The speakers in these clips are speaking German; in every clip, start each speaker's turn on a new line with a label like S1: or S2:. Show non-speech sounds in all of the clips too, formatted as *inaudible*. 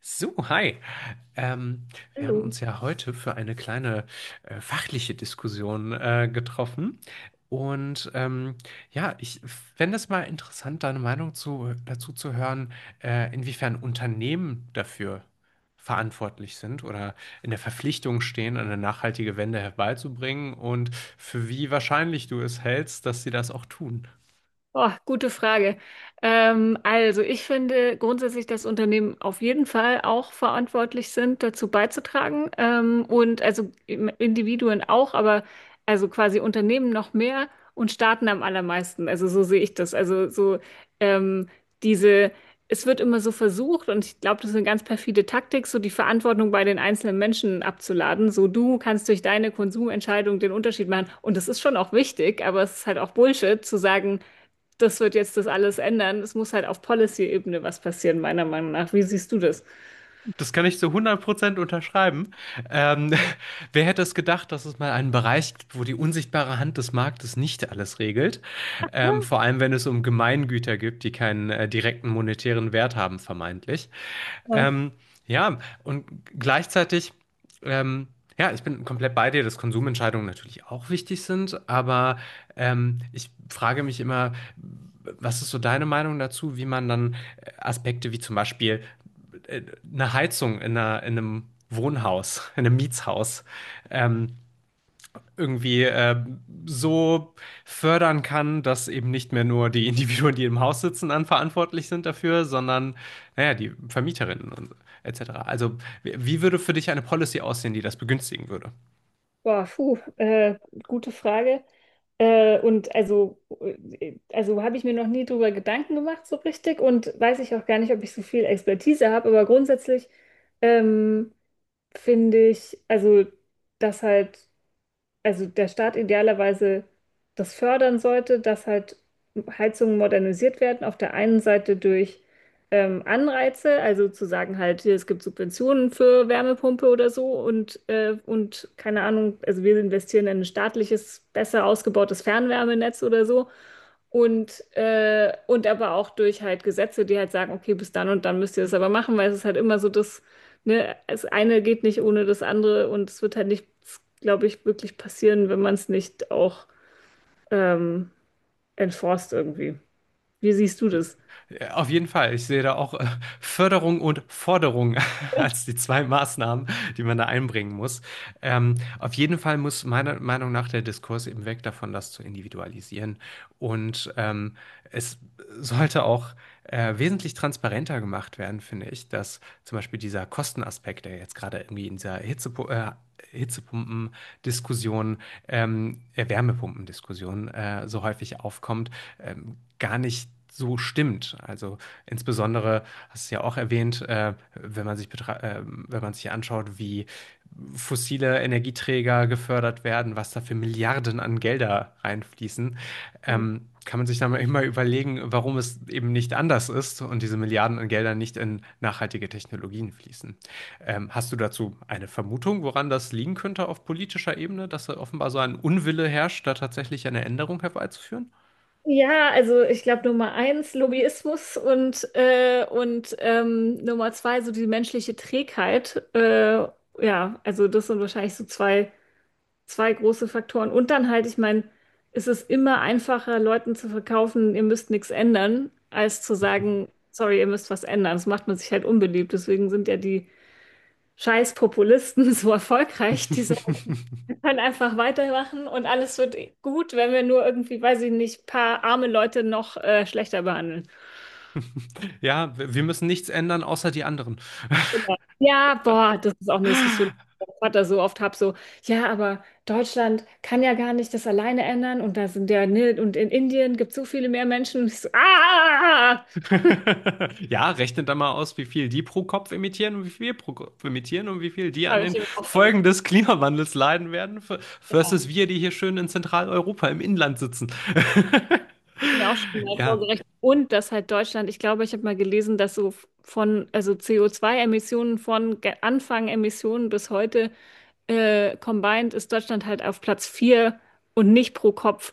S1: So, hi. Ähm, Wir haben
S2: Hallo.
S1: uns ja heute für eine kleine fachliche Diskussion getroffen. Und ja, ich fände es mal interessant, deine Meinung dazu zu hören, inwiefern Unternehmen dafür verantwortlich sind oder in der Verpflichtung stehen, eine nachhaltige Wende herbeizubringen und für wie wahrscheinlich du es hältst, dass sie das auch tun.
S2: Oh, gute Frage. Also ich finde grundsätzlich, dass Unternehmen auf jeden Fall auch verantwortlich sind, dazu beizutragen. Und also Individuen auch, aber also quasi Unternehmen noch mehr und Staaten am allermeisten. Also so sehe ich das. Also so, ähm, diese, es wird immer so versucht, und ich glaube, das ist eine ganz perfide Taktik, so die Verantwortung bei den einzelnen Menschen abzuladen. So du kannst durch deine Konsumentscheidung den Unterschied machen. Und das ist schon auch wichtig, aber es ist halt auch Bullshit zu sagen, das wird jetzt das alles ändern. Es muss halt auf Policy-Ebene was passieren, meiner Meinung nach. Wie siehst du das?
S1: Das kann ich zu hundert Prozent unterschreiben. Ähm, *laughs* Wer hätte es gedacht, dass es mal einen Bereich gibt, wo die unsichtbare Hand des Marktes nicht alles regelt? Vor allem, wenn es um Gemeingüter gibt, die keinen direkten monetären Wert haben, vermeintlich.
S2: Ja.
S1: Ähm, ja, und gleichzeitig, ähm, ja, ich bin komplett bei dir, dass Konsumentscheidungen natürlich auch wichtig sind, aber ich frage mich immer, was ist so deine Meinung dazu, wie man dann Aspekte wie zum Beispiel äh, eine Heizung in einem Wohnhaus, *laughs* in einem Mietshaus, ähm, irgendwie äh, so fördern kann, dass eben nicht mehr nur die *laughs* Individuen, die im Haus sitzen, dann verantwortlich sind dafür, sondern naja, die Vermieterinnen und etc. Also wie würde für dich eine Policy aussehen, die das begünstigen würde?
S2: Boah, puh, gute Frage. Und also habe ich mir noch nie drüber Gedanken gemacht so richtig und weiß ich auch gar nicht, ob ich so viel Expertise habe, aber grundsätzlich ähm, finde ich, also, dass halt. Also der Staat idealerweise das fördern sollte, dass halt Heizungen modernisiert werden. Auf der einen Seite durch Anreize, also zu sagen halt, hier, es gibt Subventionen für Wärmepumpe oder so und keine Ahnung, also wir investieren in ein staatliches, besser ausgebautes Fernwärmenetz oder so. Und aber auch durch halt Gesetze, die halt sagen, okay, bis dann und dann müsst ihr das aber machen, weil es ist halt immer so, dass, ne, das eine geht nicht ohne das andere und es wird halt nichts, glaube ich, wirklich passieren, wenn man es nicht auch ähm, enforced irgendwie. Wie siehst du das?
S1: Ja, auf jeden Fall. Ich sehe da auch Förderung und Forderung *laughs* als die zwei Maßnahmen, die man da einbringen muss. Auf jeden Fall muss meiner Meinung nach der Diskurs eben weg davon, das zu individualisieren. Und es sollte auch wesentlich transparenter gemacht werden, finde ich, dass zum Beispiel dieser Kostenaspekt, der jetzt gerade irgendwie in dieser Wärmepumpen-Diskussion so häufig aufkommt, gar nicht so stimmt. Also insbesondere, hast du ja auch erwähnt, wenn man sich anschaut, wie fossile Energieträger gefördert werden, was da für Milliarden an Gelder reinfließen, kann man sich dann immer überlegen, warum es eben nicht anders ist und diese Milliarden an Geldern nicht in nachhaltige Technologien fließen. Hast du dazu eine Vermutung, woran das liegen könnte auf politischer Ebene, dass da offenbar so ein Unwille herrscht, da tatsächlich eine Änderung herbeizuführen?
S2: Ja, also ich glaube Nummer eins Lobbyismus und Nummer zwei so die menschliche Trägheit. Ja, also das sind wahrscheinlich so zwei große Faktoren. Und dann halt, ich meine, es ist immer einfacher, Leuten zu verkaufen, ihr müsst nichts ändern, als zu sagen, sorry, ihr müsst was ändern. Das macht man sich halt unbeliebt. Deswegen sind ja die scheiß Populisten *laughs* so erfolgreich. Die sagen,
S1: *laughs*
S2: wir können einfach weitermachen und alles wird gut, wenn wir nur irgendwie, weiß ich nicht, paar arme Leute noch schlechter behandeln.
S1: Ja, wir müssen nichts ändern, außer die anderen.
S2: Genau. Ja, boah, das ist auch eine Diskussion, die
S1: *laughs*
S2: ich mit meinem Vater so oft habe, so, ja, aber Deutschland kann ja gar nicht das alleine ändern und da sind ja, ne, und in Indien gibt es so viele mehr Menschen. Und ich so, ah,
S1: *laughs* Ja, rechnet dann mal aus, wie viel die pro Kopf emittieren und wie viel wir pro Kopf emittieren und wie viel die an
S2: habe ich
S1: den
S2: ihm auch,
S1: Folgen des Klimawandels leiden werden, versus wir, die hier schön in Zentraleuropa im Inland sitzen. *laughs*
S2: mir auch schon mal
S1: Ja,
S2: vorgerechnet. Und dass halt Deutschland, ich glaube, ich habe mal gelesen, dass so von, also co zwei emissionen von Anfang Emissionen bis heute combined ist Deutschland halt auf Platz 4 und nicht pro Kopf.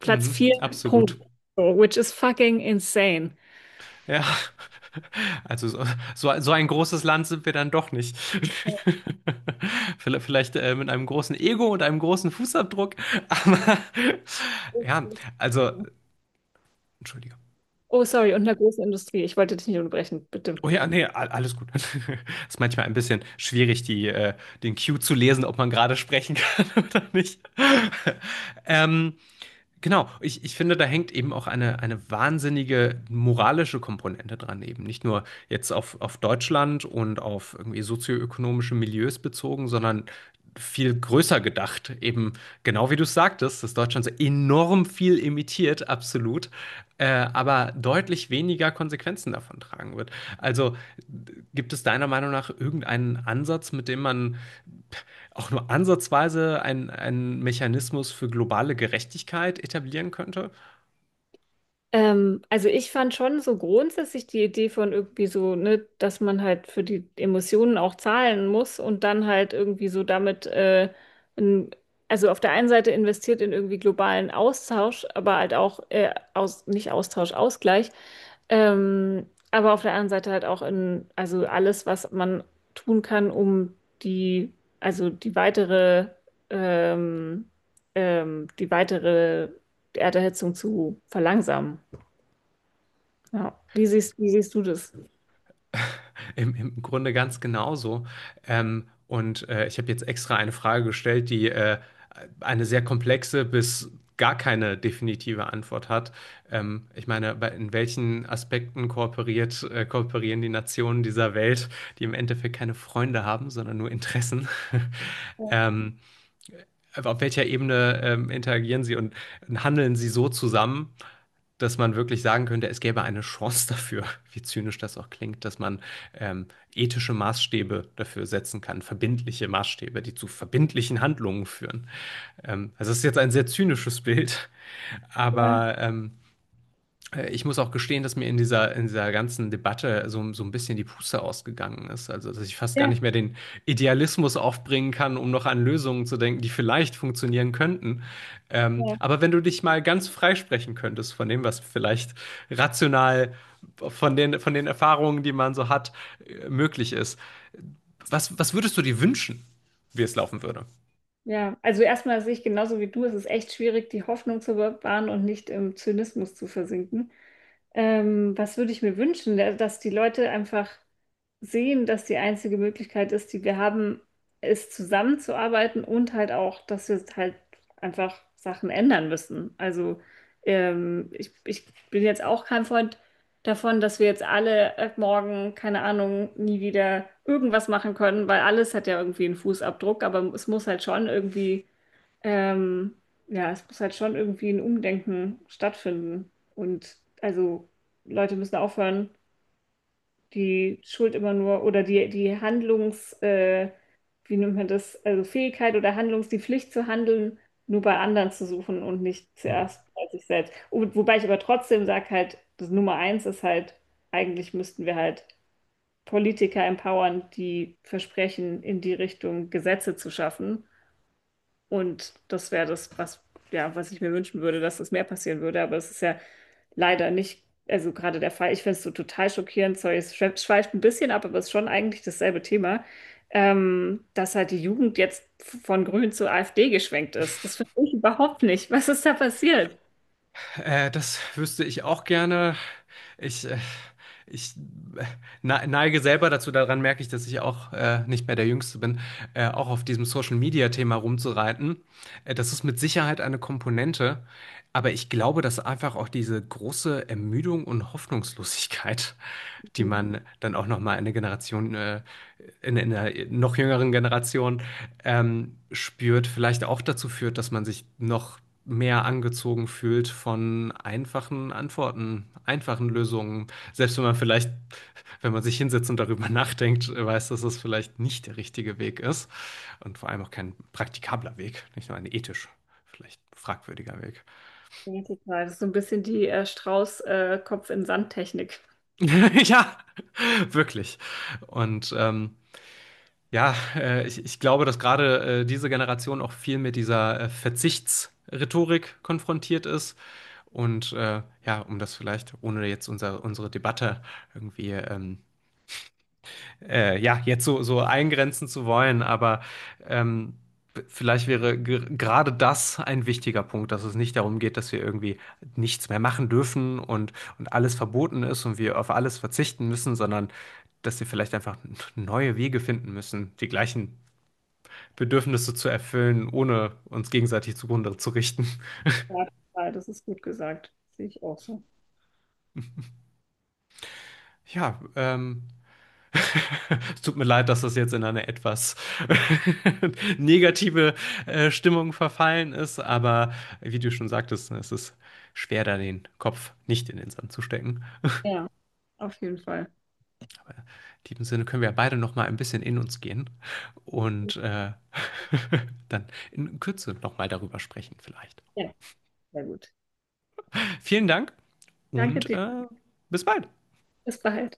S2: Platz
S1: mhm,
S2: 4.
S1: absolut.
S2: Punkt. So, which is fucking insane.
S1: Ja, also so, so ein großes Land sind wir dann doch nicht. *laughs* Vielleicht, vielleicht mit einem großen Ego und einem großen Fußabdruck, aber *laughs* ja, also, Entschuldigung.
S2: Oh, sorry, und einer großen Industrie. Ich wollte dich nicht unterbrechen, bitte.
S1: Oh ja, nee, alles gut. *laughs* Ist manchmal ein bisschen schwierig, den Cue zu lesen, ob man gerade sprechen kann *laughs* oder nicht. *laughs* Ähm, ich finde, da hängt eben auch eine wahnsinnige moralische Komponente dran, eben nicht nur jetzt auf Deutschland und auf irgendwie sozioökonomische Milieus bezogen, sondern viel größer gedacht. Eben genau wie du es sagtest, dass Deutschland so enorm viel emittiert, absolut, aber deutlich weniger Konsequenzen davon tragen wird. Also gibt es deiner Meinung nach irgendeinen Ansatz, mit dem man auch nur ansatzweise einen Mechanismus für globale Gerechtigkeit etablieren könnte.
S2: Also ich fand schon so grundsätzlich die Idee von irgendwie so, ne, dass man halt für die Emotionen auch zahlen muss und dann halt irgendwie so damit, in, also auf der einen Seite investiert in irgendwie globalen Austausch, aber halt auch nicht Austausch, Ausgleich, aber auf der anderen Seite halt auch in, also alles, was man tun kann, um die, also die weitere, ähm, die weitere Erderhitzung zu verlangsamen. Ja. Wie siehst du das?
S1: *laughs* Im Grunde ganz genauso. Ich habe jetzt extra eine Frage gestellt, die eine sehr komplexe bis gar keine definitive Antwort hat. Ich meine, in welchen Aspekten kooperieren die Nationen dieser Welt, die im Endeffekt keine Freunde haben, sondern nur Interessen? *laughs* ähm, auf welcher Ebene interagieren sie und handeln sie so zusammen, dass man wirklich sagen könnte, es gäbe eine Chance dafür, *laughs* wie zynisch das auch klingt, dass man ähm, ethische Maßstäbe dafür setzen kann, verbindliche Maßstäbe, die zu verbindlichen Handlungen führen. Also es ist jetzt ein sehr zynisches Bild,
S2: Ja,
S1: aber ich muss auch gestehen, dass mir in dieser ganzen Debatte so, so ein bisschen die Puste ausgegangen ist. Also, dass ich fast gar
S2: ja,
S1: nicht mehr den Idealismus aufbringen kann, um noch an Lösungen zu denken, die vielleicht funktionieren könnten.
S2: ja.
S1: Aber wenn du dich mal ganz freisprechen könntest von dem, was vielleicht rational von den Erfahrungen, die man so hat, möglich ist, was würdest du dir wünschen, wie es laufen würde?
S2: Ja, also erstmal sehe ich genauso wie du, es ist echt schwierig, die Hoffnung zu bewahren und nicht im Zynismus zu versinken. Was würde ich mir wünschen, dass die Leute einfach sehen, dass die einzige Möglichkeit ist, die wir haben, ist zusammenzuarbeiten und halt auch, dass wir halt einfach Sachen ändern müssen. Also ich bin jetzt auch kein Freund davon, dass wir jetzt alle ab morgen, keine Ahnung, nie wieder irgendwas machen können, weil alles hat ja irgendwie einen Fußabdruck, aber es muss halt schon irgendwie, ähm, ja, es muss halt schon irgendwie ein Umdenken stattfinden. Und also Leute müssen aufhören die Schuld immer nur oder die Handlungs, wie nennt man das, also Fähigkeit oder Handlungs, die Pflicht zu handeln, nur bei anderen zu suchen und nicht
S1: Mhm.
S2: zuerst bei sich selbst. Wobei ich aber trotzdem sage halt, das Nummer eins ist halt, eigentlich müssten wir halt Politiker empowern, die versprechen, in die Richtung Gesetze zu schaffen. Und das wäre das, was, ja, was ich mir wünschen würde, dass das mehr passieren würde. Aber es ist ja leider nicht, also gerade der Fall. Ich finde es so total schockierend. Sorry, es schweift ein bisschen ab, aber es ist schon eigentlich dasselbe Thema, dass halt die Jugend jetzt von Grün zur AfD geschwenkt ist. Das verstehe ich überhaupt nicht. Was ist da passiert?
S1: Das wüsste ich auch gerne. Ich, äh, ich äh, neige selber dazu, daran merke ich, dass ich auch nicht mehr der Jüngste bin, auch auf diesem Social-Media-Thema rumzureiten. Das ist mit Sicherheit eine Komponente, aber ich glaube, dass einfach auch diese große Ermüdung und Hoffnungslosigkeit die man dann auch noch mal eine in einer noch jüngeren Generation spürt, vielleicht auch dazu führt, dass man sich noch mehr angezogen fühlt von einfachen Antworten, einfachen Lösungen. Selbst wenn man vielleicht, wenn man sich hinsetzt und darüber *laughs* nachdenkt, weiß, dass es vielleicht nicht der richtige Weg ist und vor allem auch kein praktikabler Weg, nicht nur ein ethisch vielleicht fragwürdiger Weg.
S2: Ja, total. Das ist so ein bisschen die Strauß-Kopf-in-Sand-Technik.
S1: *laughs* Ja, wirklich. Und ähm, ich glaube, dass gerade diese Generation auch viel mit dieser Verzichtsrhetorik konfrontiert ist. Ja, um das vielleicht, ohne jetzt unsere Debatte irgendwie so eingrenzen zu wollen, aber ähm, vielleicht wäre gerade das ein wichtiger Punkt, dass es nicht darum geht, dass wir irgendwie nichts mehr machen dürfen und alles verboten ist und wir auf alles verzichten müssen, sondern dass wir vielleicht einfach neue Wege finden müssen, die gleichen Bedürfnisse zu erfüllen, ohne uns gegenseitig zugrunde zu richten.
S2: Ja, total. Das ist gut gesagt. Sehe ich auch so.
S1: Ja, *laughs* es tut mir leid, dass das jetzt in eine etwas *laughs* negative Stimmung verfallen ist, aber wie du schon sagtest, ne, es ist schwer, da den Kopf nicht in den Sand zu stecken.
S2: Ja, auf jeden Fall.
S1: In diesem Sinne können wir ja beide noch mal ein bisschen in uns gehen und *laughs* dann in Kürze noch mal darüber sprechen vielleicht.
S2: Ja, sehr gut.
S1: Vielen Dank
S2: Danke
S1: und
S2: dir.
S1: bis bald.
S2: Bis bald.